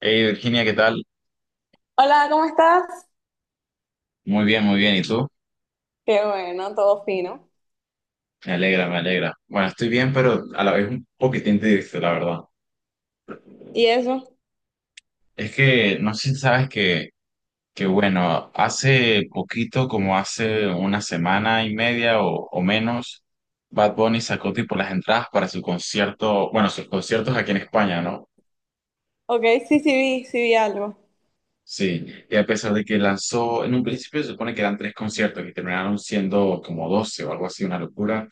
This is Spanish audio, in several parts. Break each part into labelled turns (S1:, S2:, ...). S1: Hey Virginia, ¿qué tal?
S2: Hola, ¿cómo estás?
S1: Muy bien, muy bien. ¿Y tú?
S2: Qué bueno, todo fino.
S1: Me alegra, me alegra. Bueno, estoy bien, pero a la vez un poquitín triste, la verdad.
S2: ¿Y eso?
S1: Es que no sé si sabes que bueno, hace poquito, como hace una semana y media o menos, Bad Bunny sacó tipo las entradas para su concierto, bueno, sus conciertos aquí en España, ¿no?
S2: Ok, sí, sí vi algo.
S1: Sí, y a pesar de que lanzó, en un principio se supone que eran tres conciertos y terminaron siendo como 12 o algo así, una locura,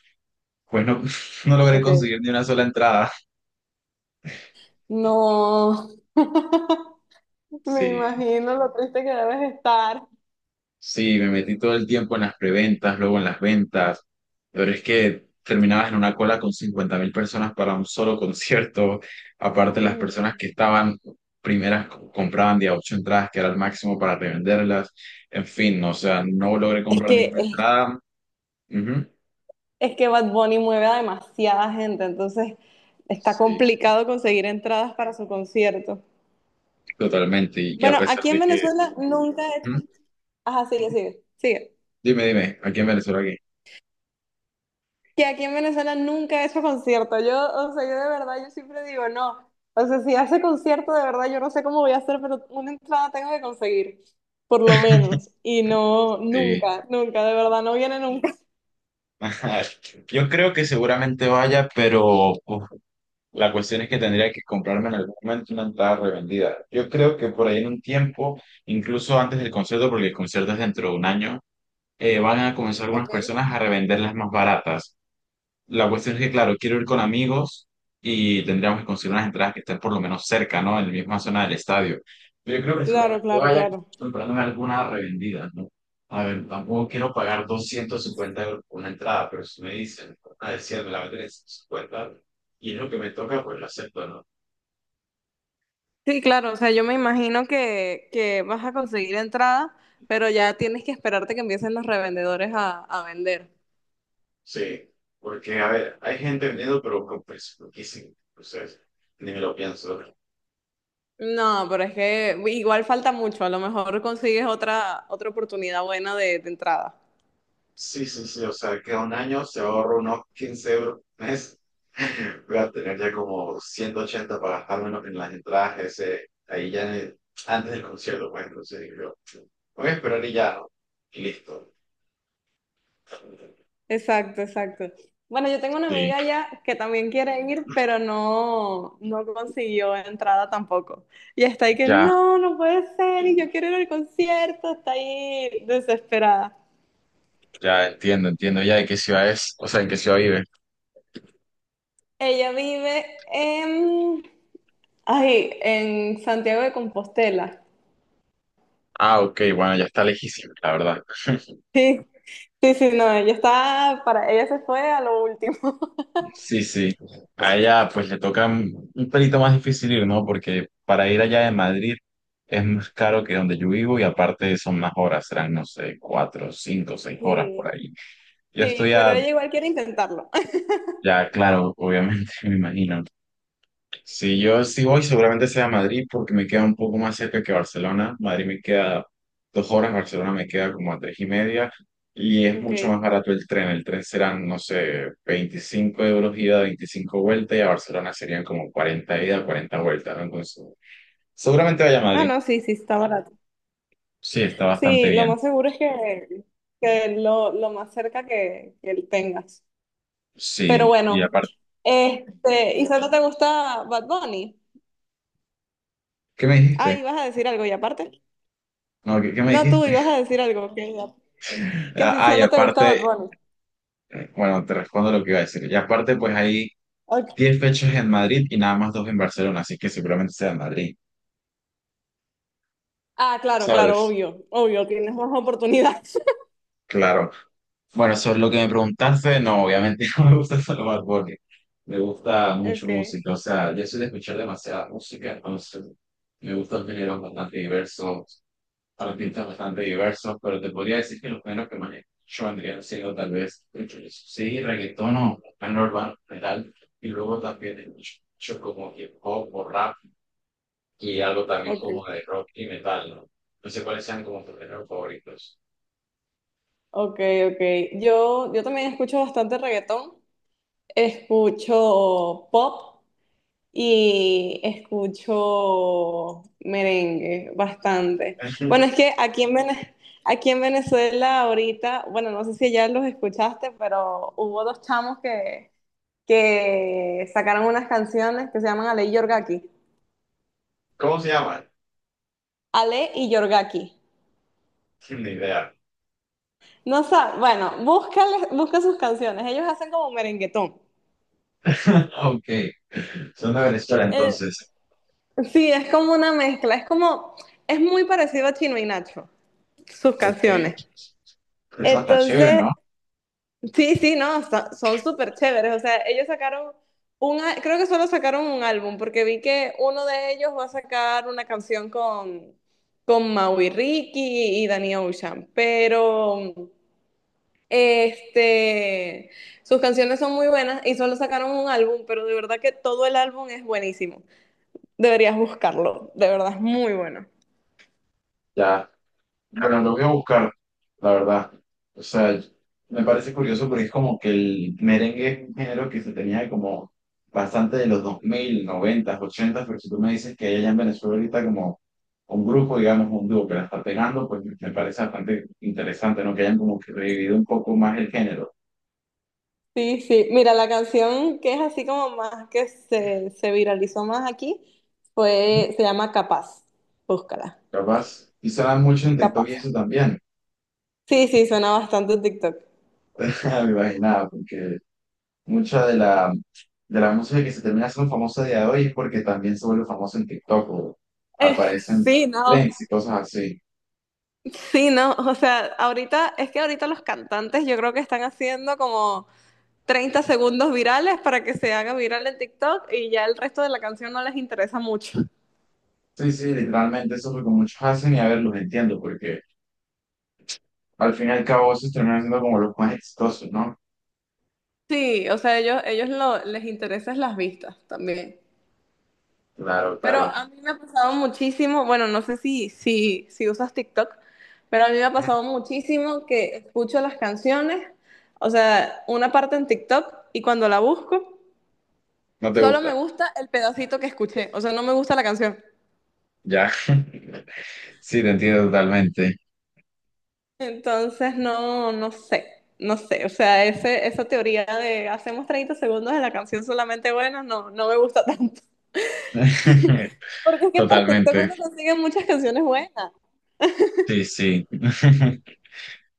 S1: pues no, no logré
S2: Ok.
S1: conseguir ni una sola entrada.
S2: No. Me
S1: Sí,
S2: imagino lo triste que debes estar.
S1: Sí, me metí todo el tiempo en las preventas, luego en las ventas, pero es que terminabas en una cola con 50.000 personas para un solo concierto, aparte las
S2: Ay.
S1: personas que estaban primeras compraban de a ocho entradas, que era el máximo para revenderlas, en fin, o sea, no logré
S2: Es
S1: comprar
S2: que,
S1: ninguna
S2: es,
S1: entrada. Ujú.
S2: es que Bad Bunny mueve a demasiada gente, entonces está
S1: Sí, sí,
S2: complicado conseguir entradas para su concierto.
S1: totalmente, y que a
S2: Bueno,
S1: pesar
S2: aquí
S1: de
S2: en
S1: que,
S2: Venezuela nunca he
S1: ujú.
S2: hecho... Ajá, sigue.
S1: Dime, dime, aquí en Venezuela, aquí.
S2: Que aquí en Venezuela nunca he hecho concierto. Yo, o sea, yo de verdad, yo siempre digo, no. O sea, si hace concierto, de verdad, yo no sé cómo voy a hacer, pero una entrada tengo que conseguir, por lo menos. Y no,
S1: Sí.
S2: nunca, de verdad, no viene nunca.
S1: Ajá. Yo creo que seguramente vaya, pero uf, la cuestión es que tendría que comprarme en algún momento una entrada revendida. Yo creo que por ahí en un tiempo, incluso antes del concierto, porque el concierto es dentro de un año, van a comenzar algunas
S2: Okay.
S1: personas a revender las más baratas. La cuestión es que, claro, quiero ir con amigos y tendríamos que conseguir unas entradas que estén por lo menos cerca, ¿no? En la misma zona del estadio. Yo creo que
S2: Claro,
S1: seguramente
S2: claro,
S1: vaya
S2: claro.
S1: comprándome alguna revendida, ¿no? A ver, tampoco quiero pagar 250 euros por una entrada, pero si me dicen, a decir, me la venden en 150 y es lo que me toca, pues lo acepto, ¿no?
S2: Sí, claro, o sea, yo me imagino que vas a conseguir entrada, pero ya tienes que esperarte que empiecen los revendedores a vender.
S1: Sí, porque, a ver, hay gente vendiendo, pero con precios, lo que. Entonces, ni me lo pienso.
S2: No, pero es que igual falta mucho, a lo mejor consigues otra oportunidad buena de entrada.
S1: Sí, sí, sí, o sea, que un año se ahorra unos 15 euros por mes. Voy a tener ya como 180 para gastarme en las entradas, ese, ahí ya en antes del concierto, pues entonces digo, yo, voy a esperar y ya, ¿no? Y listo.
S2: Exacto. Bueno, yo tengo una
S1: Sí,
S2: amiga ya que también quiere ir, pero no, no consiguió entrada tampoco. Y está ahí que
S1: ya,
S2: no, no puede ser, y yo quiero ir al concierto, está ahí desesperada.
S1: ya entiendo, entiendo ya de qué ciudad es, o sea, en qué ciudad vive.
S2: Ella vive en, ay, en Santiago de Compostela.
S1: Ah, ok, bueno, ya está lejísimo, la verdad.
S2: Sí, sí, no, ella se fue a lo último.
S1: Sí, sí. A ella pues le toca un pelito más difícil ir, ¿no? Porque para ir allá de Madrid es más caro que donde yo vivo y aparte son más horas, serán, no sé, 4, 5, 6 horas
S2: Sí,
S1: por ahí. Yo
S2: sí,
S1: estoy
S2: pero
S1: a,
S2: ella igual quiere intentarlo.
S1: ya, claro, obviamente, me imagino, si yo sí voy, seguramente sea a Madrid porque me queda un poco más cerca que Barcelona. Madrid me queda 2 horas, Barcelona me queda como a tres y media y es mucho más
S2: Ok.
S1: barato el tren. El tren serán, no sé, 25 euros ida, 25 vuelta y a Barcelona serían como 40 ida, 40 vueltas, ¿no? Entonces, seguramente vaya a
S2: Ah,
S1: Madrid.
S2: no, sí, sí, está barato.
S1: Sí, está bastante
S2: Sí, lo
S1: bien.
S2: más seguro es que lo más cerca que tengas. Pero
S1: Sí, y
S2: bueno,
S1: aparte,
S2: ¿y solo te gusta Bad Bunny?
S1: ¿qué me
S2: Ah,
S1: dijiste?
S2: ibas a decir algo y aparte.
S1: No, ¿qué me
S2: No, tú
S1: dijiste?
S2: ibas a decir algo, que si
S1: Ah, y
S2: solo te gusta
S1: aparte,
S2: Bad Bunny.
S1: bueno, te respondo lo que iba a decir. Y aparte, pues ahí
S2: Ok.
S1: 10 fechas en Madrid y nada más dos en Barcelona, así que seguramente sea en Madrid,
S2: Ah, claro,
S1: ¿sabes?
S2: obvio, tienes más oportunidades.
S1: Claro. Bueno, sobre lo que me preguntaste, no, obviamente no me gusta solo Bad Bunny. Me gusta mucho
S2: Okay,
S1: música, o sea, yo soy de escuchar demasiada música, entonces me gustan géneros bastante diversos, artistas bastante diversos, pero te podría decir que los géneros que más yo vendría siendo tal vez, sí, reggaetón o género urbano en general, y luego también escucho como hip hop o rap, y algo también
S2: okay,
S1: como de rock y metal, ¿no? No sé cuáles sean como tus géneros favoritos.
S2: okay. Yo, yo también escucho bastante reggaetón, escucho pop y escucho merengue bastante. Bueno, es que aquí en Vene- aquí en Venezuela ahorita, bueno, no sé si ya los escuchaste, pero hubo dos chamos que sacaron unas canciones que se llaman Ale y Yorgaki.
S1: ¿Cómo se llaman?
S2: Ale y Yorgaki.
S1: Ni idea.
S2: No sabes, bueno, busca sus canciones. Ellos hacen como merenguetón.
S1: Ok, son de Venezuela
S2: Eh,
S1: entonces.
S2: sí, es como una mezcla. Es muy parecido a Chino y Nacho, sus canciones.
S1: Ok. Es bastante chévere,
S2: Entonces,
S1: ¿no?
S2: sí, sí, no, son súper chéveres. O sea, ellos sacaron un, creo que solo sacaron un álbum, porque vi que uno de ellos va a sacar una canción con Maui Ricky y Danny Ocean, pero este, sus canciones son muy buenas y solo sacaron un álbum, pero de verdad que todo el álbum es buenísimo. Deberías buscarlo, de verdad es muy bueno.
S1: Ya. Bueno, lo voy a buscar, la verdad. O sea, me parece curioso porque es como que el merengue es un género que se tenía como bastante de los 2000 90 80, pero si tú me dices que hay allá en Venezuela ahorita como un grupo, digamos, un dúo que la está pegando, pues me parece bastante interesante, ¿no? Que hayan como que revivido un poco más el género.
S2: Sí, sí. Mira, la canción que es así como más que se viralizó más aquí
S1: Ujú.
S2: fue, se llama Capaz. Búscala.
S1: Capaz, y se dan mucho en TikTok y
S2: Capaz.
S1: eso también.
S2: Sí, sí, suena bastante en TikTok.
S1: Me imaginaba, porque mucha de la música que se termina siendo famosa a día de hoy es porque también se vuelve famoso en TikTok o aparecen
S2: Sí, no.
S1: trends y cosas así.
S2: Sí, no. O sea, ahorita, es que ahorita los cantantes yo creo que están haciendo como 30 segundos virales para que se haga viral en TikTok y ya el resto de la canción no les interesa mucho.
S1: Sí, sí, literalmente eso es lo que muchos hacen y a ver, los entiendo porque al fin y al cabo esos terminan siendo como los más exitosos, ¿no?
S2: Sí, o sea, les interesan las vistas también.
S1: Claro,
S2: Pero
S1: claro.
S2: a mí me ha pasado muchísimo, bueno, no sé si usas TikTok, pero a mí me ha
S1: Ujú.
S2: pasado muchísimo que escucho las canciones, o sea, una parte en TikTok y cuando la busco,
S1: No te
S2: solo me
S1: gusta.
S2: gusta el pedacito que escuché, o sea, no me gusta la canción.
S1: Ya. Sí, te entiendo totalmente.
S2: Entonces, no, no sé, o sea, esa teoría de hacemos 30 segundos de la canción solamente buena, no, no me gusta tanto. Porque es que por TikTok
S1: Totalmente.
S2: uno consigue muchas canciones buenas.
S1: Sí, sí.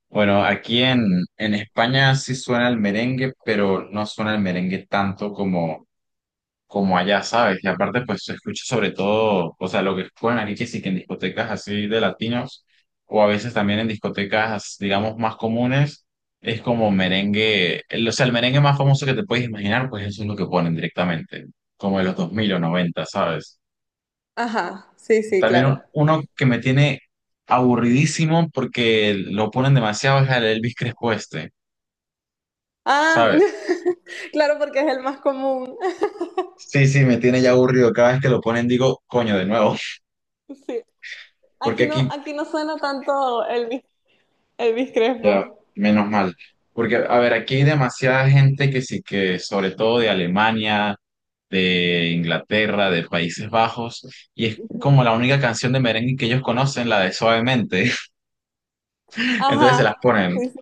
S1: Bueno, aquí en España sí suena el merengue, pero no suena el merengue tanto como allá, ¿sabes? Y aparte, pues se escucha sobre todo, o sea, lo que juegan aquí, que sí que en discotecas así de latinos, o a veces también en discotecas, digamos, más comunes, es como merengue, o sea, el merengue más famoso que te puedes imaginar, pues eso es lo que ponen directamente, como de los 2000 o noventa, ¿sabes?
S2: Ajá, sí, sí,
S1: También
S2: claro.
S1: uno que me tiene aburridísimo porque lo ponen demasiado es el Elvis Crespo este,
S2: Ah,
S1: ¿sabes?
S2: claro, porque es el más común.
S1: Sí, sí, me tiene ya aburrido. Cada vez que lo ponen digo, coño, de nuevo.
S2: Sí.
S1: Porque aquí.
S2: Aquí no suena tanto Elvis, Elvis
S1: Ya,
S2: Crespo.
S1: menos mal. Porque, a ver, aquí hay demasiada gente que sí que, sobre todo de Alemania, de Inglaterra, de Países Bajos, y es como la única canción de merengue que ellos conocen, la de Suavemente. Entonces se
S2: Ajá.
S1: las ponen.
S2: Sí, sí.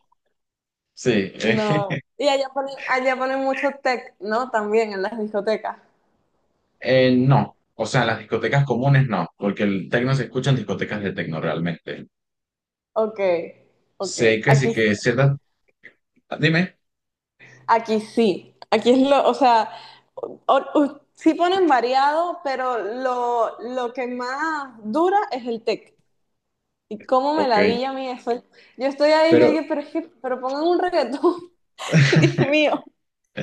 S1: Sí,
S2: No. Y allá ponen mucho tech, ¿no? También en las discotecas.
S1: no. O sea, en las discotecas comunes no, porque el tecno se escucha en discotecas de tecno realmente.
S2: Ok, ok.
S1: Sé que sí
S2: Aquí,
S1: que
S2: sí-
S1: ciertas. Dime.
S2: aquí sí. Aquí es lo, o sea, sí ponen variado, pero lo que más dura es el tech. Y cómo me
S1: Ok.
S2: ladilla a mí eso. Yo estoy ahí, yo
S1: Pero.
S2: dije, pero es que, pero pongan un reggaetón. Dios mío.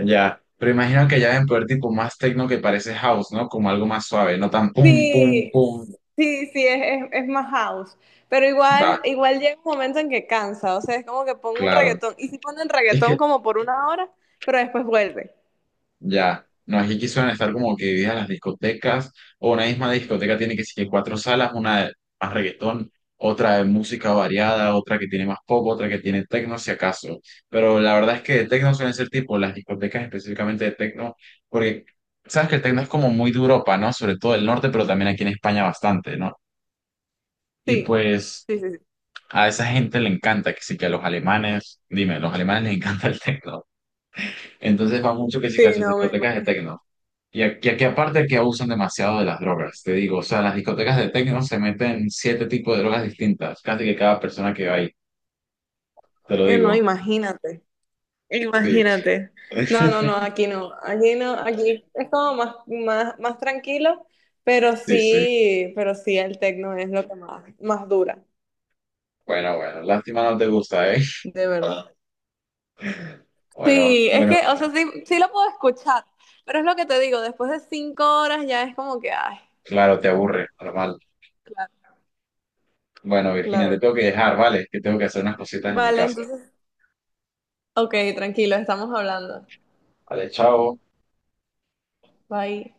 S1: Ya, pero imagino que ya deben poder tipo más techno que parece house, ¿no? Como algo más suave, no tan pum, pum,
S2: Sí,
S1: pum.
S2: sí, es más house. Pero
S1: Va,
S2: igual llega un momento en que cansa, o sea, es como que pongo un
S1: claro.
S2: reggaetón. Y si ponen
S1: Es
S2: reggaetón
S1: que
S2: como por una hora, pero después vuelve.
S1: ya, no, aquí quisieron estar como que divididas las discotecas, o una misma discoteca tiene que ser cuatro salas, una de más reggaetón, otra de música variada, otra que tiene más pop, otra que tiene techno, si acaso. Pero la verdad es que de techno suelen ser tipo las discotecas específicamente de techno, porque sabes que el techno es como muy de Europa, ¿no? Sobre todo el norte, pero también aquí en España bastante, ¿no? Y
S2: Sí,
S1: pues.
S2: sí.
S1: A esa gente le encanta, que sí que a los alemanes, dime, los alemanes les encanta el techno. Entonces va mucho que sí que a
S2: Sí,
S1: sus
S2: no, me
S1: discotecas de
S2: imagino.
S1: techno. Y aquí aparte que abusan demasiado de las drogas, te digo, o sea, en las discotecas de techno se meten siete tipos de drogas distintas, casi que cada persona que va ahí, te lo
S2: No,
S1: digo.
S2: imagínate.
S1: Sí.
S2: Imagínate. No, aquí no. Aquí no, aquí es como más tranquilo,
S1: Sí, sí.
S2: pero sí el tecno es lo que más dura,
S1: Bueno, bueno, lástima no te gusta, ¿eh?
S2: de verdad.
S1: Bueno,
S2: Sí, es
S1: bueno,
S2: que, o sea, sí, sí lo puedo escuchar, pero es lo que te digo, después de 5 horas ya es como que, ay,
S1: claro, te aburre, normal.
S2: claro,
S1: Bueno, Virginia, te
S2: claro.
S1: tengo que dejar, ¿vale? Que tengo que hacer unas cositas en mi
S2: Vale,
S1: casa.
S2: entonces, ok, tranquilo, estamos hablando.
S1: Vale, chao.
S2: Bye.